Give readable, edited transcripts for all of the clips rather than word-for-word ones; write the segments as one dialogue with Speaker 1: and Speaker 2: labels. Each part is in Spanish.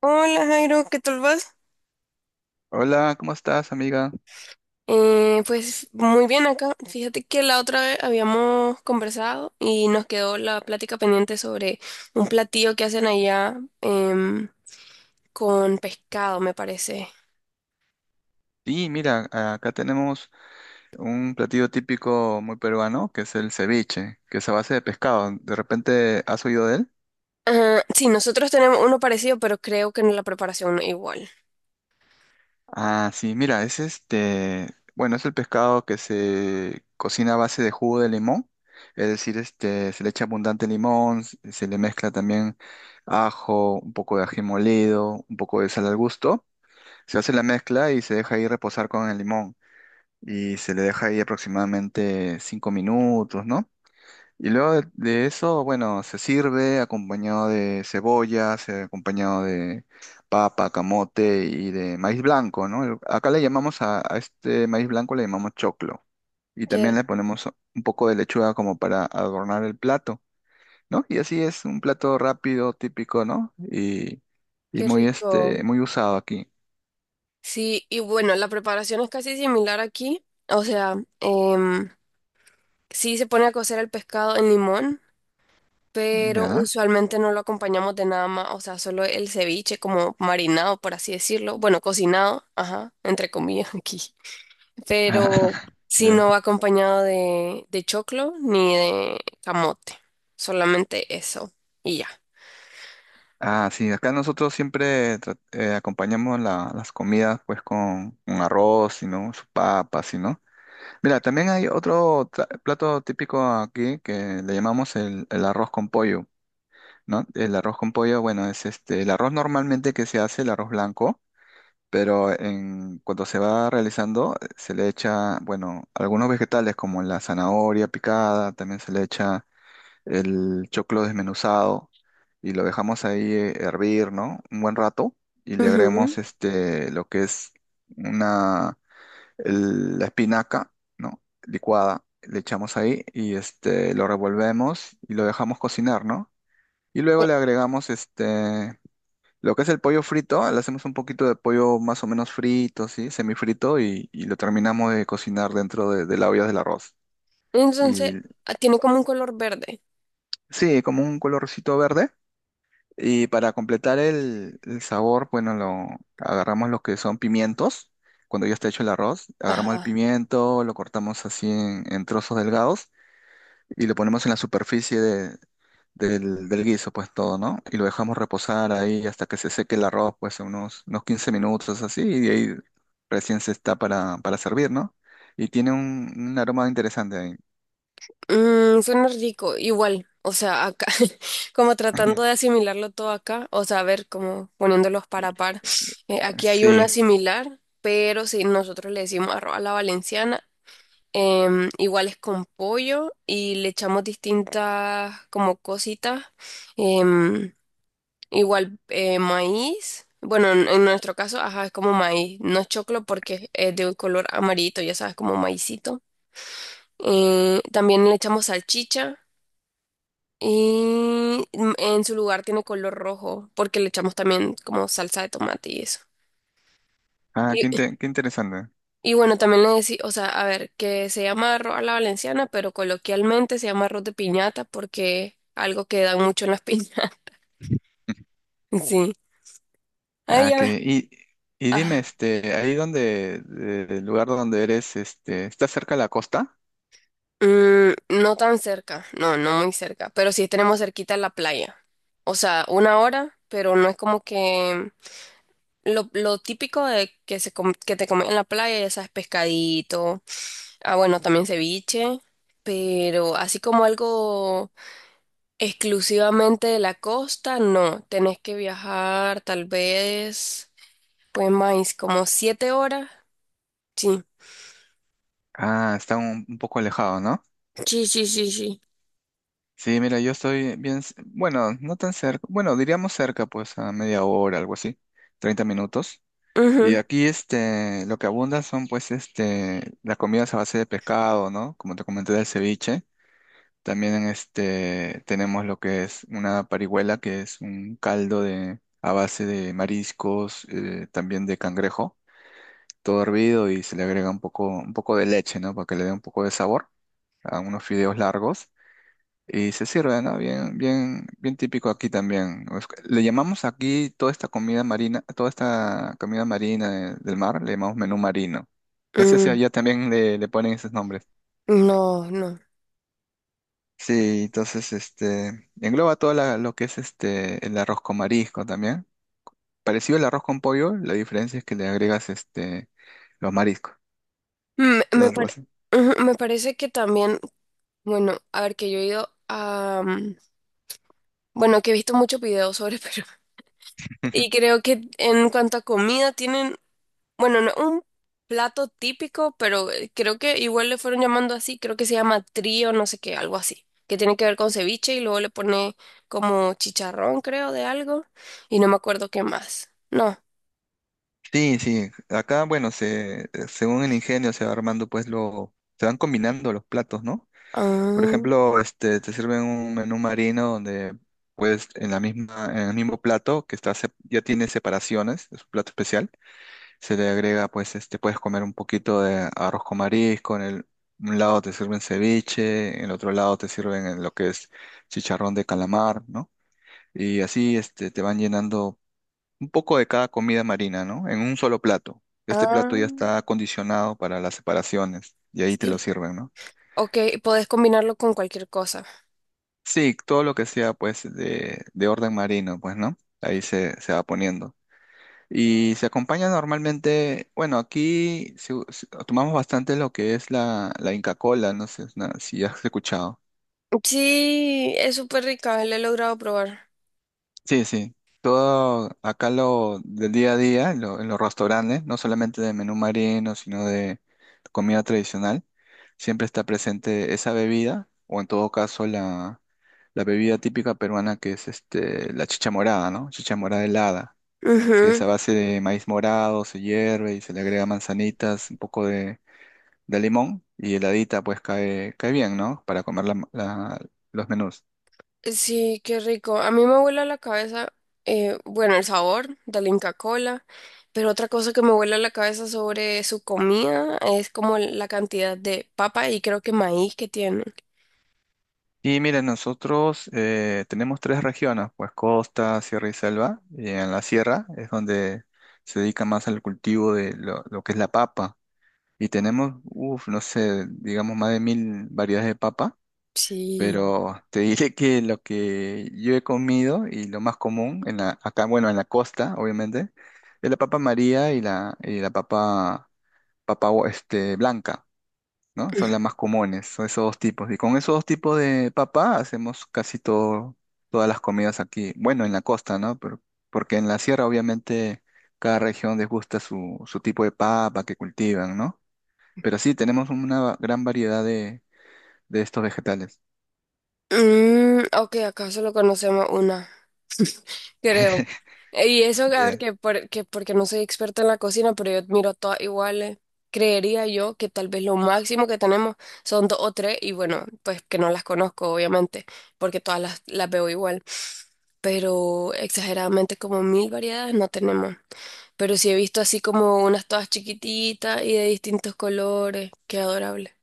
Speaker 1: Hola Jairo, ¿qué tal vas?
Speaker 2: Hola, ¿cómo estás, amiga?
Speaker 1: Pues muy bien acá. Fíjate que la otra vez habíamos conversado y nos quedó la plática pendiente sobre un platillo que hacen allá con pescado, me parece.
Speaker 2: Sí, mira, acá tenemos un platillo típico muy peruano, que es el ceviche, que es a base de pescado. ¿De repente has oído de él?
Speaker 1: Ah, sí, nosotros tenemos uno parecido, pero creo que la preparación no es igual.
Speaker 2: Ah, sí, mira, es este, bueno, es el pescado que se cocina a base de jugo de limón, es decir, este, se le echa abundante limón, se le mezcla también ajo, un poco de ají molido, un poco de sal al gusto, se hace la mezcla y se deja ahí reposar con el limón, y se le deja ahí aproximadamente 5 minutos, ¿no? Y luego de eso, bueno, se sirve acompañado de cebolla, acompañado de papa, camote y de maíz blanco, ¿no? Acá le llamamos a este maíz blanco, le llamamos choclo. Y también
Speaker 1: Qué,
Speaker 2: le ponemos un poco de lechuga como para adornar el plato, ¿no? Y así es un plato rápido, típico, ¿no? Y
Speaker 1: qué
Speaker 2: muy, este,
Speaker 1: rico.
Speaker 2: muy usado aquí.
Speaker 1: Sí, y bueno, la preparación es casi similar aquí. O sea, em, sí se pone a cocer el pescado en limón, pero
Speaker 2: ¿Ya?
Speaker 1: usualmente no lo acompañamos de nada más. O sea, solo el ceviche como marinado, por así decirlo, bueno, cocinado, ajá, entre comillas aquí, pero si
Speaker 2: Ya.
Speaker 1: no va acompañado de choclo ni de camote, solamente eso y ya.
Speaker 2: Ah, sí, acá nosotros siempre acompañamos las comidas pues con arroz, ¿sí?, ¿no? Sus papas, ¿sí?, ¿no? Mira, también hay otro plato típico aquí que le llamamos el arroz con pollo, ¿no? El arroz con pollo, bueno, es este, el arroz normalmente que se hace, el arroz blanco, pero cuando se va realizando se le echa, bueno, algunos vegetales como la zanahoria picada, también se le echa el choclo desmenuzado y lo dejamos ahí hervir, ¿no? Un buen rato y le agregamos
Speaker 1: Ujú.
Speaker 2: este, lo que es una, la espinaca, ¿no? Licuada, le echamos ahí y este, lo revolvemos y lo dejamos cocinar, ¿no? Y luego le agregamos este, lo que es el pollo frito, le hacemos un poquito de pollo más o menos frito, ¿sí? Semifrito y lo terminamos de cocinar dentro de la olla del arroz. Y
Speaker 1: Entonces, ah, tiene como un color verde.
Speaker 2: sí, como un colorcito verde. Y para completar el sabor, bueno, agarramos lo que son pimientos. Cuando ya está hecho el arroz, agarramos el
Speaker 1: Ajá.
Speaker 2: pimiento, lo cortamos así en trozos delgados y lo ponemos en la superficie del guiso, pues todo, ¿no? Y lo dejamos reposar ahí hasta que se seque el arroz, pues unos 15 minutos así, y de ahí recién se está para servir, ¿no? Y tiene un aroma interesante ahí.
Speaker 1: Mm, suena rico, igual, o sea, acá, como tratando de asimilarlo todo acá. O sea, a ver, como poniéndolos para par. Aquí hay una
Speaker 2: Sí.
Speaker 1: similar, pero si nosotros le decimos arroz a la valenciana, igual es con pollo y le echamos distintas como cositas, em, igual maíz. Bueno, en nuestro caso, ajá, es como maíz, no es choclo porque es de un color amarillito, ya sabes, como maicito. También le echamos salchicha y mm, en su lugar tiene color rojo, porque le echamos también como salsa de tomate y eso.
Speaker 2: Ah,
Speaker 1: Y,
Speaker 2: qué interesante.
Speaker 1: y bueno, también le decía, o sea, a ver, que se llama arroz a la valenciana, pero coloquialmente se llama arroz de piñata porque algo que dan mucho en las piñatas. Sí. Ay,
Speaker 2: Ah,
Speaker 1: ya ver.
Speaker 2: y dime,
Speaker 1: Ah.
Speaker 2: este, ahí donde, el lugar donde eres, este, ¿está cerca de la costa?
Speaker 1: Mm, no tan cerca, no, no muy cerca, pero sí tenemos cerquita la playa. O sea, 1 hora, pero no es como que lo típico de que, que te comen en la playa, ya sabes, pescadito. Ah, bueno, también ceviche, pero así como algo exclusivamente de la costa, no. Tenés que viajar tal vez, pues más, como 7 horas. Sí,
Speaker 2: Ah, está un poco alejado, ¿no?
Speaker 1: sí, sí, sí, sí.
Speaker 2: Sí, mira, yo estoy bien, bueno, no tan cerca, bueno, diríamos cerca, pues a media hora, algo así, 30 minutos. Y
Speaker 1: Ujú.
Speaker 2: aquí, este, lo que abunda son, pues, este, las comidas a base de pescado, ¿no? Como te comenté del ceviche. También en este tenemos lo que es una parihuela, que es un caldo a base de mariscos, también de cangrejo, todo hervido y se le agrega un poco de leche, ¿no? Para que le dé un poco de sabor a unos fideos largos y se sirve, ¿no? Bien, bien, bien típico aquí también. Es que le llamamos aquí toda esta comida marina del mar, le llamamos menú marino. No sé si
Speaker 1: Mm,
Speaker 2: allá también le ponen esos nombres.
Speaker 1: no, no.
Speaker 2: Sí, entonces este engloba todo lo que es este el arroz con marisco también. Parecido al arroz con pollo, la diferencia es que le agregas este los mariscos,
Speaker 1: Me,
Speaker 2: es
Speaker 1: me,
Speaker 2: algo
Speaker 1: pare-
Speaker 2: así.
Speaker 1: ujú, me parece que también, bueno, a ver, que yo he ido a... mm, bueno, que he visto muchos videos sobre Perú. Y creo que en cuanto a comida, tienen, bueno, no, un plato típico, pero creo que igual le fueron llamando así. Creo que se llama trío, no sé qué, algo así, que tiene que ver con ceviche y luego le pone como chicharrón, creo, de algo, y no me acuerdo qué más. No.
Speaker 2: Sí, sí, acá bueno, se según el ingenio se va armando pues lo se van combinando los platos, ¿no? Por
Speaker 1: Ah,
Speaker 2: ejemplo, este te sirven un menú marino donde pues en la misma en el mismo plato que está ya tiene separaciones, es un plato especial. Se le agrega, pues, este, puedes comer un poquito de arroz con marisco, un lado te sirven ceviche, en el otro lado te sirven en lo que es chicharrón de calamar, ¿no? Y así, este, te van llenando un poco de cada comida marina, ¿no? En un solo plato. Este plato
Speaker 1: ah,
Speaker 2: ya está acondicionado para las separaciones y ahí te lo
Speaker 1: sí.
Speaker 2: sirven, ¿no?
Speaker 1: Ok, podés combinarlo con cualquier cosa.
Speaker 2: Sí, todo lo que sea, pues, de orden marino, pues, ¿no? Ahí se va poniendo. Y se acompaña normalmente, bueno, aquí tomamos bastante lo que es la Inca Kola, no sé si has escuchado.
Speaker 1: Sí, es súper rica, la he logrado probar.
Speaker 2: Sí, sí. Todo acá lo del día a día, en los restaurantes, no solamente de menú marino, sino de comida tradicional, siempre está presente esa bebida, o en todo caso la bebida típica peruana que es este, la chicha morada, ¿no? Chicha morada helada, que es
Speaker 1: Ujú.
Speaker 2: a base de maíz morado, se hierve y se le agrega manzanitas, un poco de limón y heladita, pues cae bien, ¿no? Para comer los menús.
Speaker 1: Sí, qué rico. A mí me vuela la cabeza, bueno, el sabor de la Inca Kola, pero otra cosa que me vuela la cabeza sobre su comida es como la cantidad de papa y creo que maíz que tienen.
Speaker 2: Y miren, nosotros tenemos tres regiones, pues costa, sierra y selva. Y en la sierra es donde se dedica más al cultivo de lo que es la papa. Y tenemos, uff, no sé, digamos más de 1000 variedades de papa.
Speaker 1: Sí.
Speaker 2: Pero te diré que lo que yo he comido y lo más común en acá, bueno, en la costa, obviamente, es la papa María y la papa, este, blanca. ¿No? Son las más comunes, son esos dos tipos. Y con esos dos tipos de papa hacemos casi todo, todas las comidas aquí. Bueno, en la costa, ¿no? Pero, porque en la sierra, obviamente, cada región les gusta su tipo de papa que cultivan, ¿no? Pero sí, tenemos una gran variedad de estos vegetales.
Speaker 1: Mm, ok, acá solo conocemos una, creo. Y eso, a ver,
Speaker 2: Ya.
Speaker 1: que porque no soy experta en la cocina, pero yo miro todas iguales. Creería yo que tal vez lo máximo que tenemos son dos o tres, y bueno, pues que no las conozco, obviamente, porque todas las veo igual. Pero exageradamente como 1000 variedades no tenemos. Pero sí he visto así como unas todas chiquititas y de distintos colores. Qué adorable.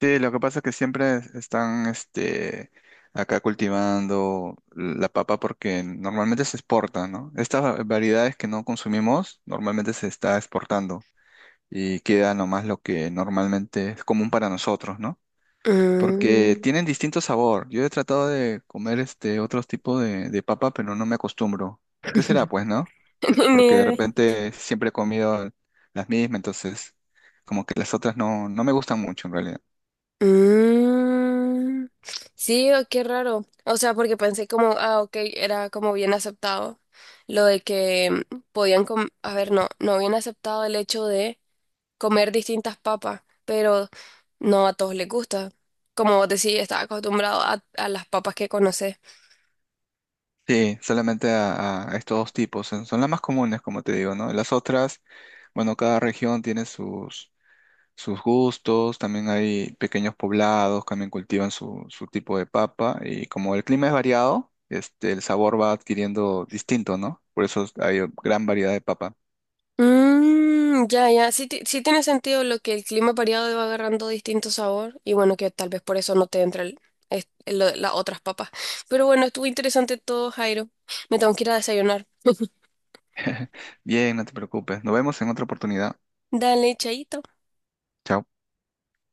Speaker 2: Sí, lo que pasa es que siempre están, este, acá cultivando la papa porque normalmente se exporta, ¿no? Estas variedades que no consumimos normalmente se está exportando. Y queda nomás lo que normalmente es común para nosotros, ¿no? Porque
Speaker 1: Mm.
Speaker 2: tienen distinto sabor. Yo he tratado de comer este otros tipos de papa, pero no me acostumbro. ¿Qué será, pues, no?
Speaker 1: Ni
Speaker 2: Porque de
Speaker 1: idea.
Speaker 2: repente siempre he comido las mismas, entonces como que las otras no, no me gustan mucho en realidad.
Speaker 1: Mm, sí, o qué raro. O sea, porque pensé como, ah, ok, era como bien aceptado lo de que mm, a ver, no, no habían aceptado el hecho de comer distintas papas, pero no a todos les gusta. Como vos decís, estás acostumbrado a las papas que conoces.
Speaker 2: Sí, solamente a estos dos tipos. Son las más comunes, como te digo, ¿no? Las otras, bueno, cada región tiene sus gustos, también hay pequeños poblados, también cultivan su tipo de papa y como el clima es variado, este, el sabor va adquiriendo distinto, ¿no? Por eso hay gran variedad de papa.
Speaker 1: Mm, ya, ya. Sí, sí tiene sentido lo que el clima variado va agarrando distinto sabor. Y bueno, que tal vez por eso no te entra el, las otras papas. Pero bueno, estuvo interesante todo, Jairo. Me tengo que ir a desayunar.
Speaker 2: Bien, no te preocupes. Nos vemos en otra oportunidad.
Speaker 1: Dale, chaito.
Speaker 2: Chao.